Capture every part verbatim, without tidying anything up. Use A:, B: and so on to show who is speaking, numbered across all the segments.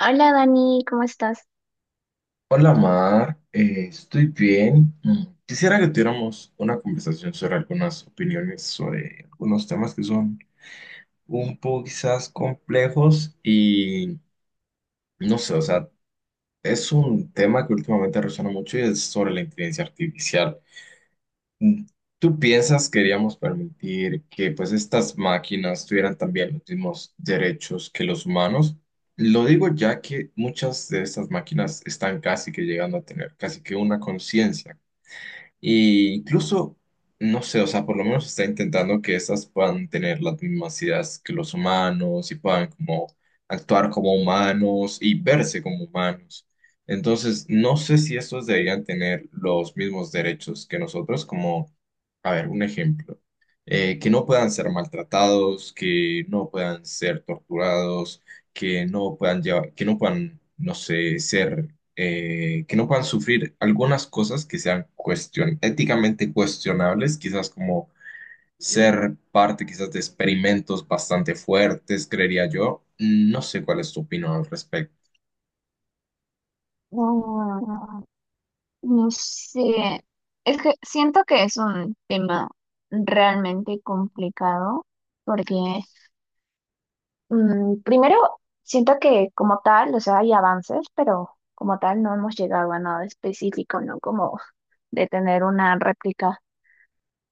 A: Hola Dani, ¿cómo estás?
B: Hola Mar. Eh, estoy bien. Mm, Quisiera que tuviéramos una conversación sobre algunas opiniones, sobre algunos temas que son un poco quizás complejos y no sé, o sea, es un tema que últimamente resuena mucho y es sobre la inteligencia artificial. Mm, ¿Tú piensas que queríamos permitir que pues estas máquinas tuvieran también los mismos derechos que los humanos? Lo digo ya que muchas de estas máquinas están casi que llegando a tener casi que una conciencia. Y incluso, no sé, o sea, por lo menos está intentando que estas puedan tener las mismas ideas que los humanos y puedan como actuar como humanos y verse como humanos. Entonces, no sé si estos deberían tener los mismos derechos que nosotros, como, a ver, un ejemplo, eh, que no puedan ser maltratados, que no puedan ser torturados, que no puedan llevar, que no puedan, no sé, ser, eh, que no puedan sufrir algunas cosas que sean cuestion éticamente cuestionables, quizás como ser parte quizás de experimentos bastante fuertes, creería yo. No sé cuál es tu opinión al respecto.
A: Mm, No sé, es que siento que es un tema realmente complicado porque mm, primero siento que como tal, o sea, hay avances, pero como tal no hemos llegado a nada específico, ¿no? Como de tener una réplica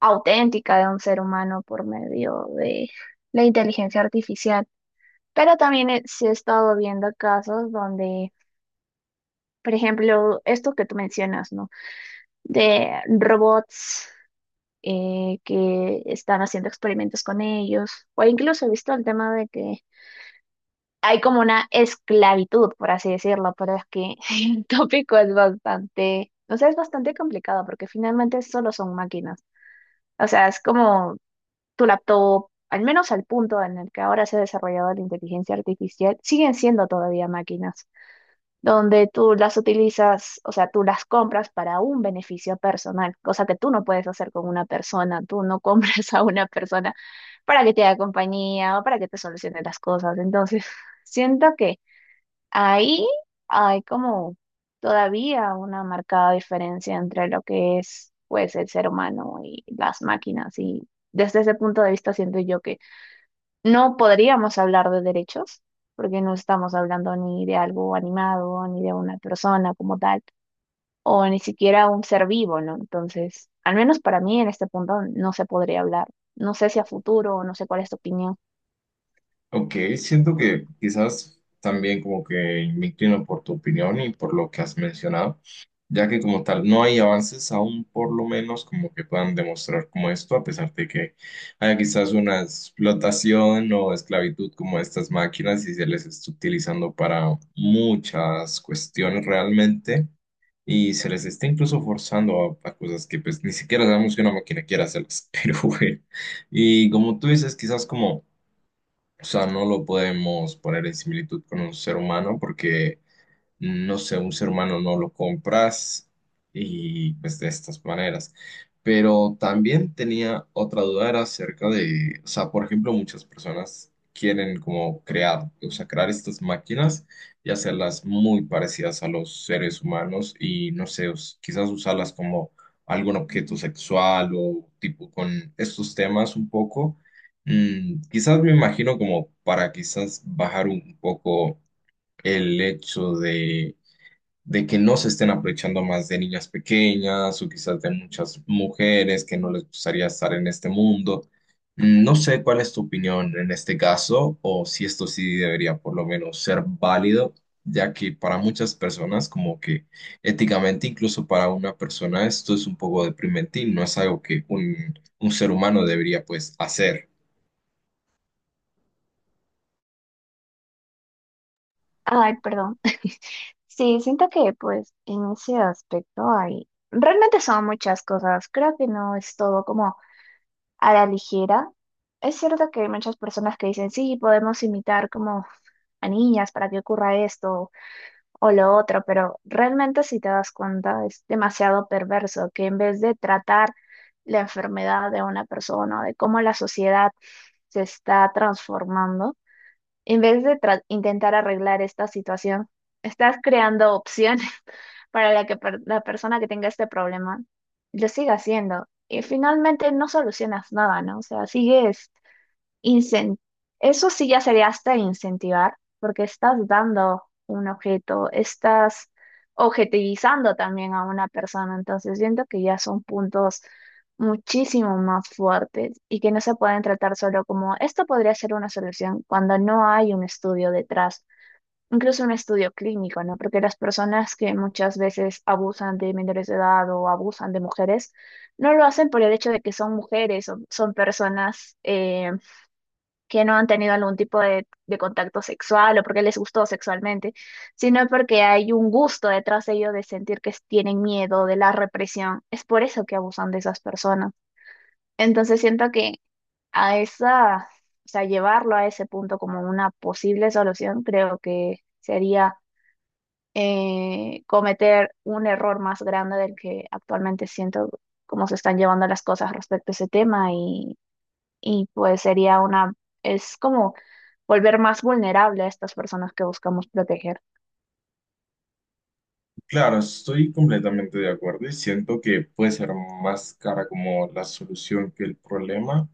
A: auténtica de un ser humano por medio de la inteligencia artificial. Pero también he- sí he estado viendo casos donde, por ejemplo, esto que tú mencionas, ¿no? De robots eh, que están haciendo experimentos con ellos, o incluso he visto el tema de que hay como una esclavitud, por así decirlo, pero es que el tópico es bastante, o sea, es bastante complicado porque finalmente solo son máquinas. O sea, es como tu laptop, al menos al punto en el que ahora se ha desarrollado la inteligencia artificial, siguen siendo todavía máquinas, donde tú las utilizas, o sea, tú las compras para un beneficio personal, cosa que tú no puedes hacer con una persona, tú no compras a una persona para que te haga compañía o para que te solucione las cosas. Entonces, siento que ahí hay como todavía una marcada diferencia entre lo que es, pues, el ser humano y las máquinas. Y desde ese punto de vista siento yo que no podríamos hablar de derechos, porque no estamos hablando ni de algo animado, ni de una persona como tal, o ni siquiera un ser vivo, ¿no? Entonces, al menos para mí en este punto no se podría hablar. No sé si a futuro, no sé cuál es tu opinión.
B: Ok, siento que quizás también como que me inclino por tu opinión y por lo que has mencionado, ya que como tal no hay avances aún por lo menos como que puedan demostrar como esto, a pesar de que haya quizás una explotación o esclavitud como estas máquinas y se les está utilizando para muchas cuestiones realmente y se les está incluso forzando a, a cosas que pues ni siquiera sabemos que una máquina quiera hacerlas, pero bueno, y como tú dices, quizás como... O sea, no lo podemos poner en similitud con un ser humano porque no sé, un ser humano no lo compras y pues de estas maneras. Pero también tenía otra duda, era acerca de, o sea, por ejemplo, muchas personas quieren como crear, o sea, crear estas máquinas y hacerlas muy parecidas a los seres humanos y no sé, us- quizás usarlas como algún objeto sexual o tipo con estos temas un poco. Mm, quizás me imagino como para quizás bajar un poco el hecho de que no se estén aprovechando más de niñas pequeñas o quizás de muchas mujeres que no les gustaría estar en este mundo. Mm, No sé cuál es tu opinión en este caso o si esto sí debería por lo menos ser válido, ya que para muchas personas como que éticamente, incluso para una persona, esto es un poco deprimente y no es algo que un, un ser humano debería pues hacer.
A: Ay, perdón. Sí, siento que pues en ese aspecto hay, realmente son muchas cosas, creo que no es todo como a la ligera. Es cierto que hay muchas personas que dicen, sí, podemos imitar como a niñas para que ocurra esto, o lo otro, pero realmente si te das cuenta es demasiado perverso que en vez de tratar la enfermedad de una persona, de cómo la sociedad se está transformando, en vez de tra- intentar arreglar esta situación, estás creando opciones para la que per- la persona que tenga este problema lo siga haciendo. Y finalmente no solucionas nada, ¿no? O sea, sigues incen- eso sí ya sería hasta incentivar, porque estás dando un objeto, estás objetivizando también a una persona, entonces siento que ya son puntos muchísimo más fuertes y que no se pueden tratar solo como esto podría ser una solución cuando no hay un estudio detrás, incluso un estudio clínico, ¿no? Porque las personas que muchas veces abusan de menores de edad o abusan de mujeres, no lo hacen por el hecho de que son mujeres o son personas, eh, que no han tenido algún tipo de, de contacto sexual o porque les gustó sexualmente, sino porque hay un gusto detrás de ello de sentir que tienen miedo de la represión. Es por eso que abusan de esas personas. Entonces siento que a esa, o sea, llevarlo a ese punto como una posible solución, creo que sería, eh, cometer un error más grande del que actualmente siento cómo se están llevando las cosas respecto a ese tema, y pues sería una, es como volver más vulnerable a estas personas que buscamos proteger.
B: Claro, estoy completamente de acuerdo y siento que puede ser más cara como la solución que el problema.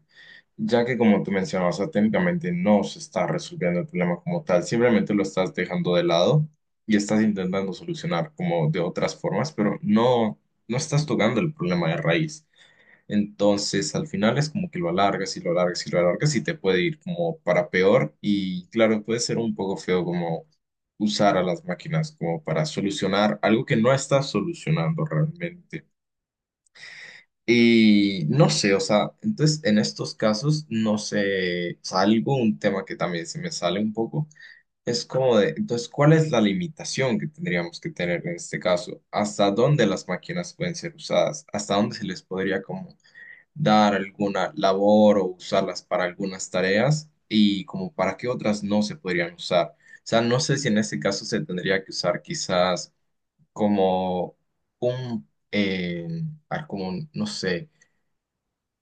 B: Ya que como tú mencionabas, o sea, técnicamente no se está resolviendo el problema como tal, simplemente lo estás dejando de lado y estás intentando solucionar como de otras formas, pero no, no estás tocando el problema de raíz. Entonces, al final es como que lo alargas y lo alargas y lo alargas y te puede ir como para peor y claro, puede ser un poco feo como usar a las máquinas como para solucionar algo que no estás solucionando realmente. Y no sé, o sea, entonces en estos casos, no sé, salgo, un tema que también se me sale un poco, es como de, entonces, ¿cuál es la limitación que tendríamos que tener en este caso? ¿Hasta dónde las máquinas pueden ser usadas? ¿Hasta dónde se les podría como dar alguna labor o usarlas para algunas tareas? ¿Y como para qué otras no se podrían usar? O sea, no sé si en este caso se tendría que usar quizás como un, eh, ah, como, un- no sé,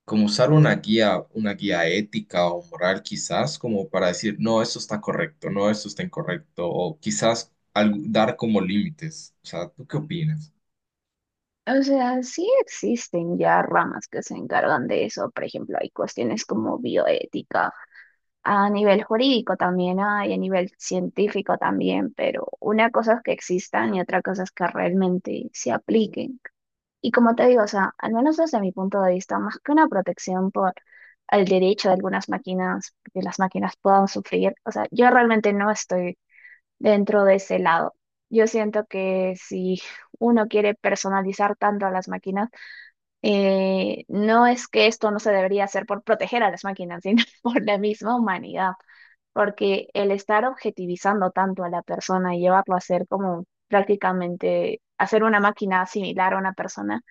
B: como usar una guía, una guía ética o moral quizás, como para decir, no, esto está correcto, no, esto está incorrecto, o quizás algo- dar como límites. O sea, ¿tú qué opinas?
A: O sea, sí existen ya ramas que se encargan de eso, por ejemplo, hay cuestiones como bioética, a nivel jurídico también hay, a nivel científico también, pero una cosa es que existan y otra cosa es que realmente se apliquen. Y como te digo, o sea, al menos desde mi punto de vista, más que una protección por el derecho de algunas máquinas, que las máquinas puedan sufrir, o sea, yo realmente no estoy dentro de ese lado. Yo siento que si uno quiere personalizar tanto a las máquinas, eh, no es que esto no se debería hacer por proteger a las máquinas, sino por la misma humanidad, porque el estar objetivizando tanto a la persona y llevarlo a ser como prácticamente hacer una máquina similar a una persona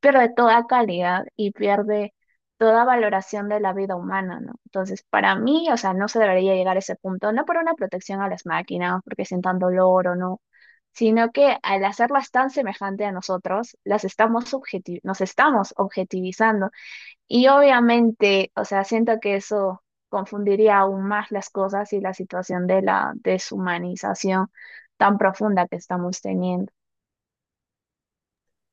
A: pierde toda calidad y pierde toda valoración de la vida humana, ¿no? Entonces, para mí, o sea, no se debería llegar a ese punto, no por una protección a las máquinas, porque sientan dolor o no, sino que al hacerlas tan semejante a nosotros, las estamos subjeti- nos estamos objetivizando. Y obviamente, o sea, siento que eso confundiría aún más las cosas y la situación de la deshumanización tan profunda que estamos teniendo.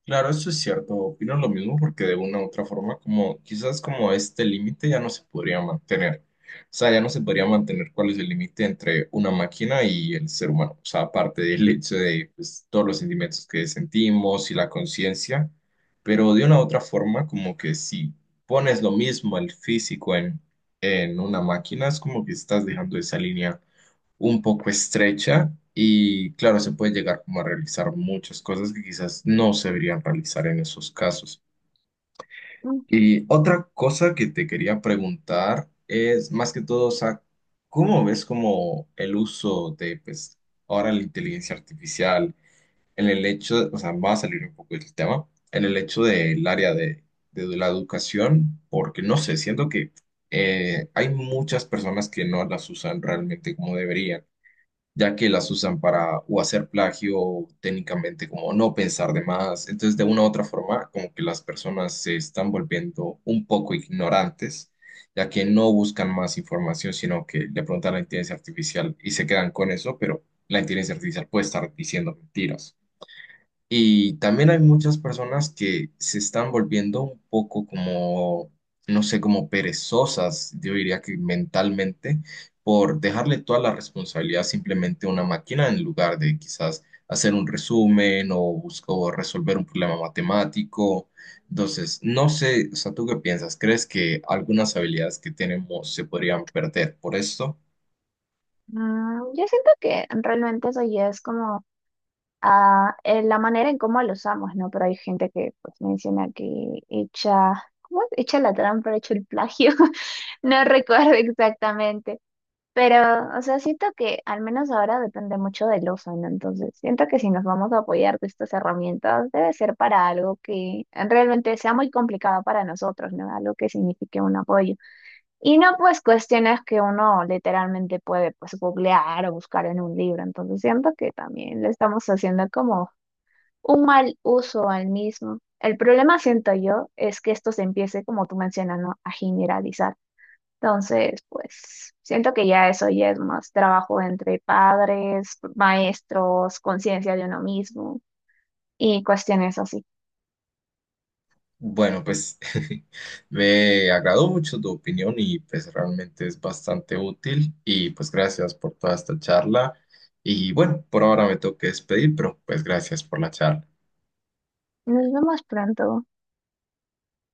B: Claro, eso es cierto, opino lo mismo porque de una u otra forma, como quizás como este límite ya no se podría mantener. O sea, ya no se podría mantener cuál es el límite entre una máquina y el ser humano. O sea, aparte del hecho de pues, todos los sentimientos que sentimos y la conciencia, pero de una u otra forma, como que si pones lo mismo el físico en, en una máquina, es como que estás dejando esa línea un poco estrecha y claro, se puede llegar como a realizar muchas cosas que quizás no se deberían realizar en esos casos. Y otra cosa que te quería preguntar es más que todo, o sea, ¿cómo ves como el uso de pues ahora la inteligencia artificial en el hecho, o sea, va a salir un poco del tema, en el hecho del área de, de la educación, porque no sé, siento que eh, hay muchas personas que no las usan realmente como deberían ya que las usan para o hacer plagio o técnicamente como no pensar de más. Entonces, de una u otra forma, como que las personas se están volviendo un poco ignorantes, ya que no buscan más información, sino que le preguntan a la inteligencia artificial y se quedan con eso, pero la inteligencia artificial puede estar diciendo mentiras. Y también hay muchas personas que se están volviendo un poco como, no sé, como perezosas, yo diría que mentalmente, por dejarle toda la responsabilidad simplemente a una máquina en lugar de quizás hacer un resumen o buscar resolver un problema matemático. Entonces, no sé, o sea, ¿tú qué piensas? ¿Crees que algunas habilidades que tenemos se podrían perder por esto?
A: Mm, yo siento que realmente eso ya es como ah, eh, la manera en cómo lo usamos, ¿no? Pero hay gente que pues menciona que echa, ¿cómo es? Echa la trampa, echa el plagio. No recuerdo exactamente. Pero, o sea, siento que al menos ahora depende mucho del uso, ¿no? Entonces, siento que si nos vamos a apoyar de estas herramientas, debe ser para algo que realmente sea muy complicado para nosotros, ¿no? Algo que signifique un apoyo. Y no, pues cuestiones que uno literalmente puede pues googlear o buscar en un libro. Entonces siento que también le estamos haciendo como un mal uso al mismo. El problema, siento yo, es que esto se empiece, como tú mencionas, ¿no?, a generalizar. Entonces, pues siento que ya eso ya es más trabajo entre padres, maestros, conciencia de uno mismo y cuestiones así.
B: Bueno, pues me agradó mucho tu opinión y pues realmente es bastante útil y pues gracias por toda esta charla y bueno, por ahora me tengo que despedir, pero pues gracias por la charla.
A: Nos vemos pronto.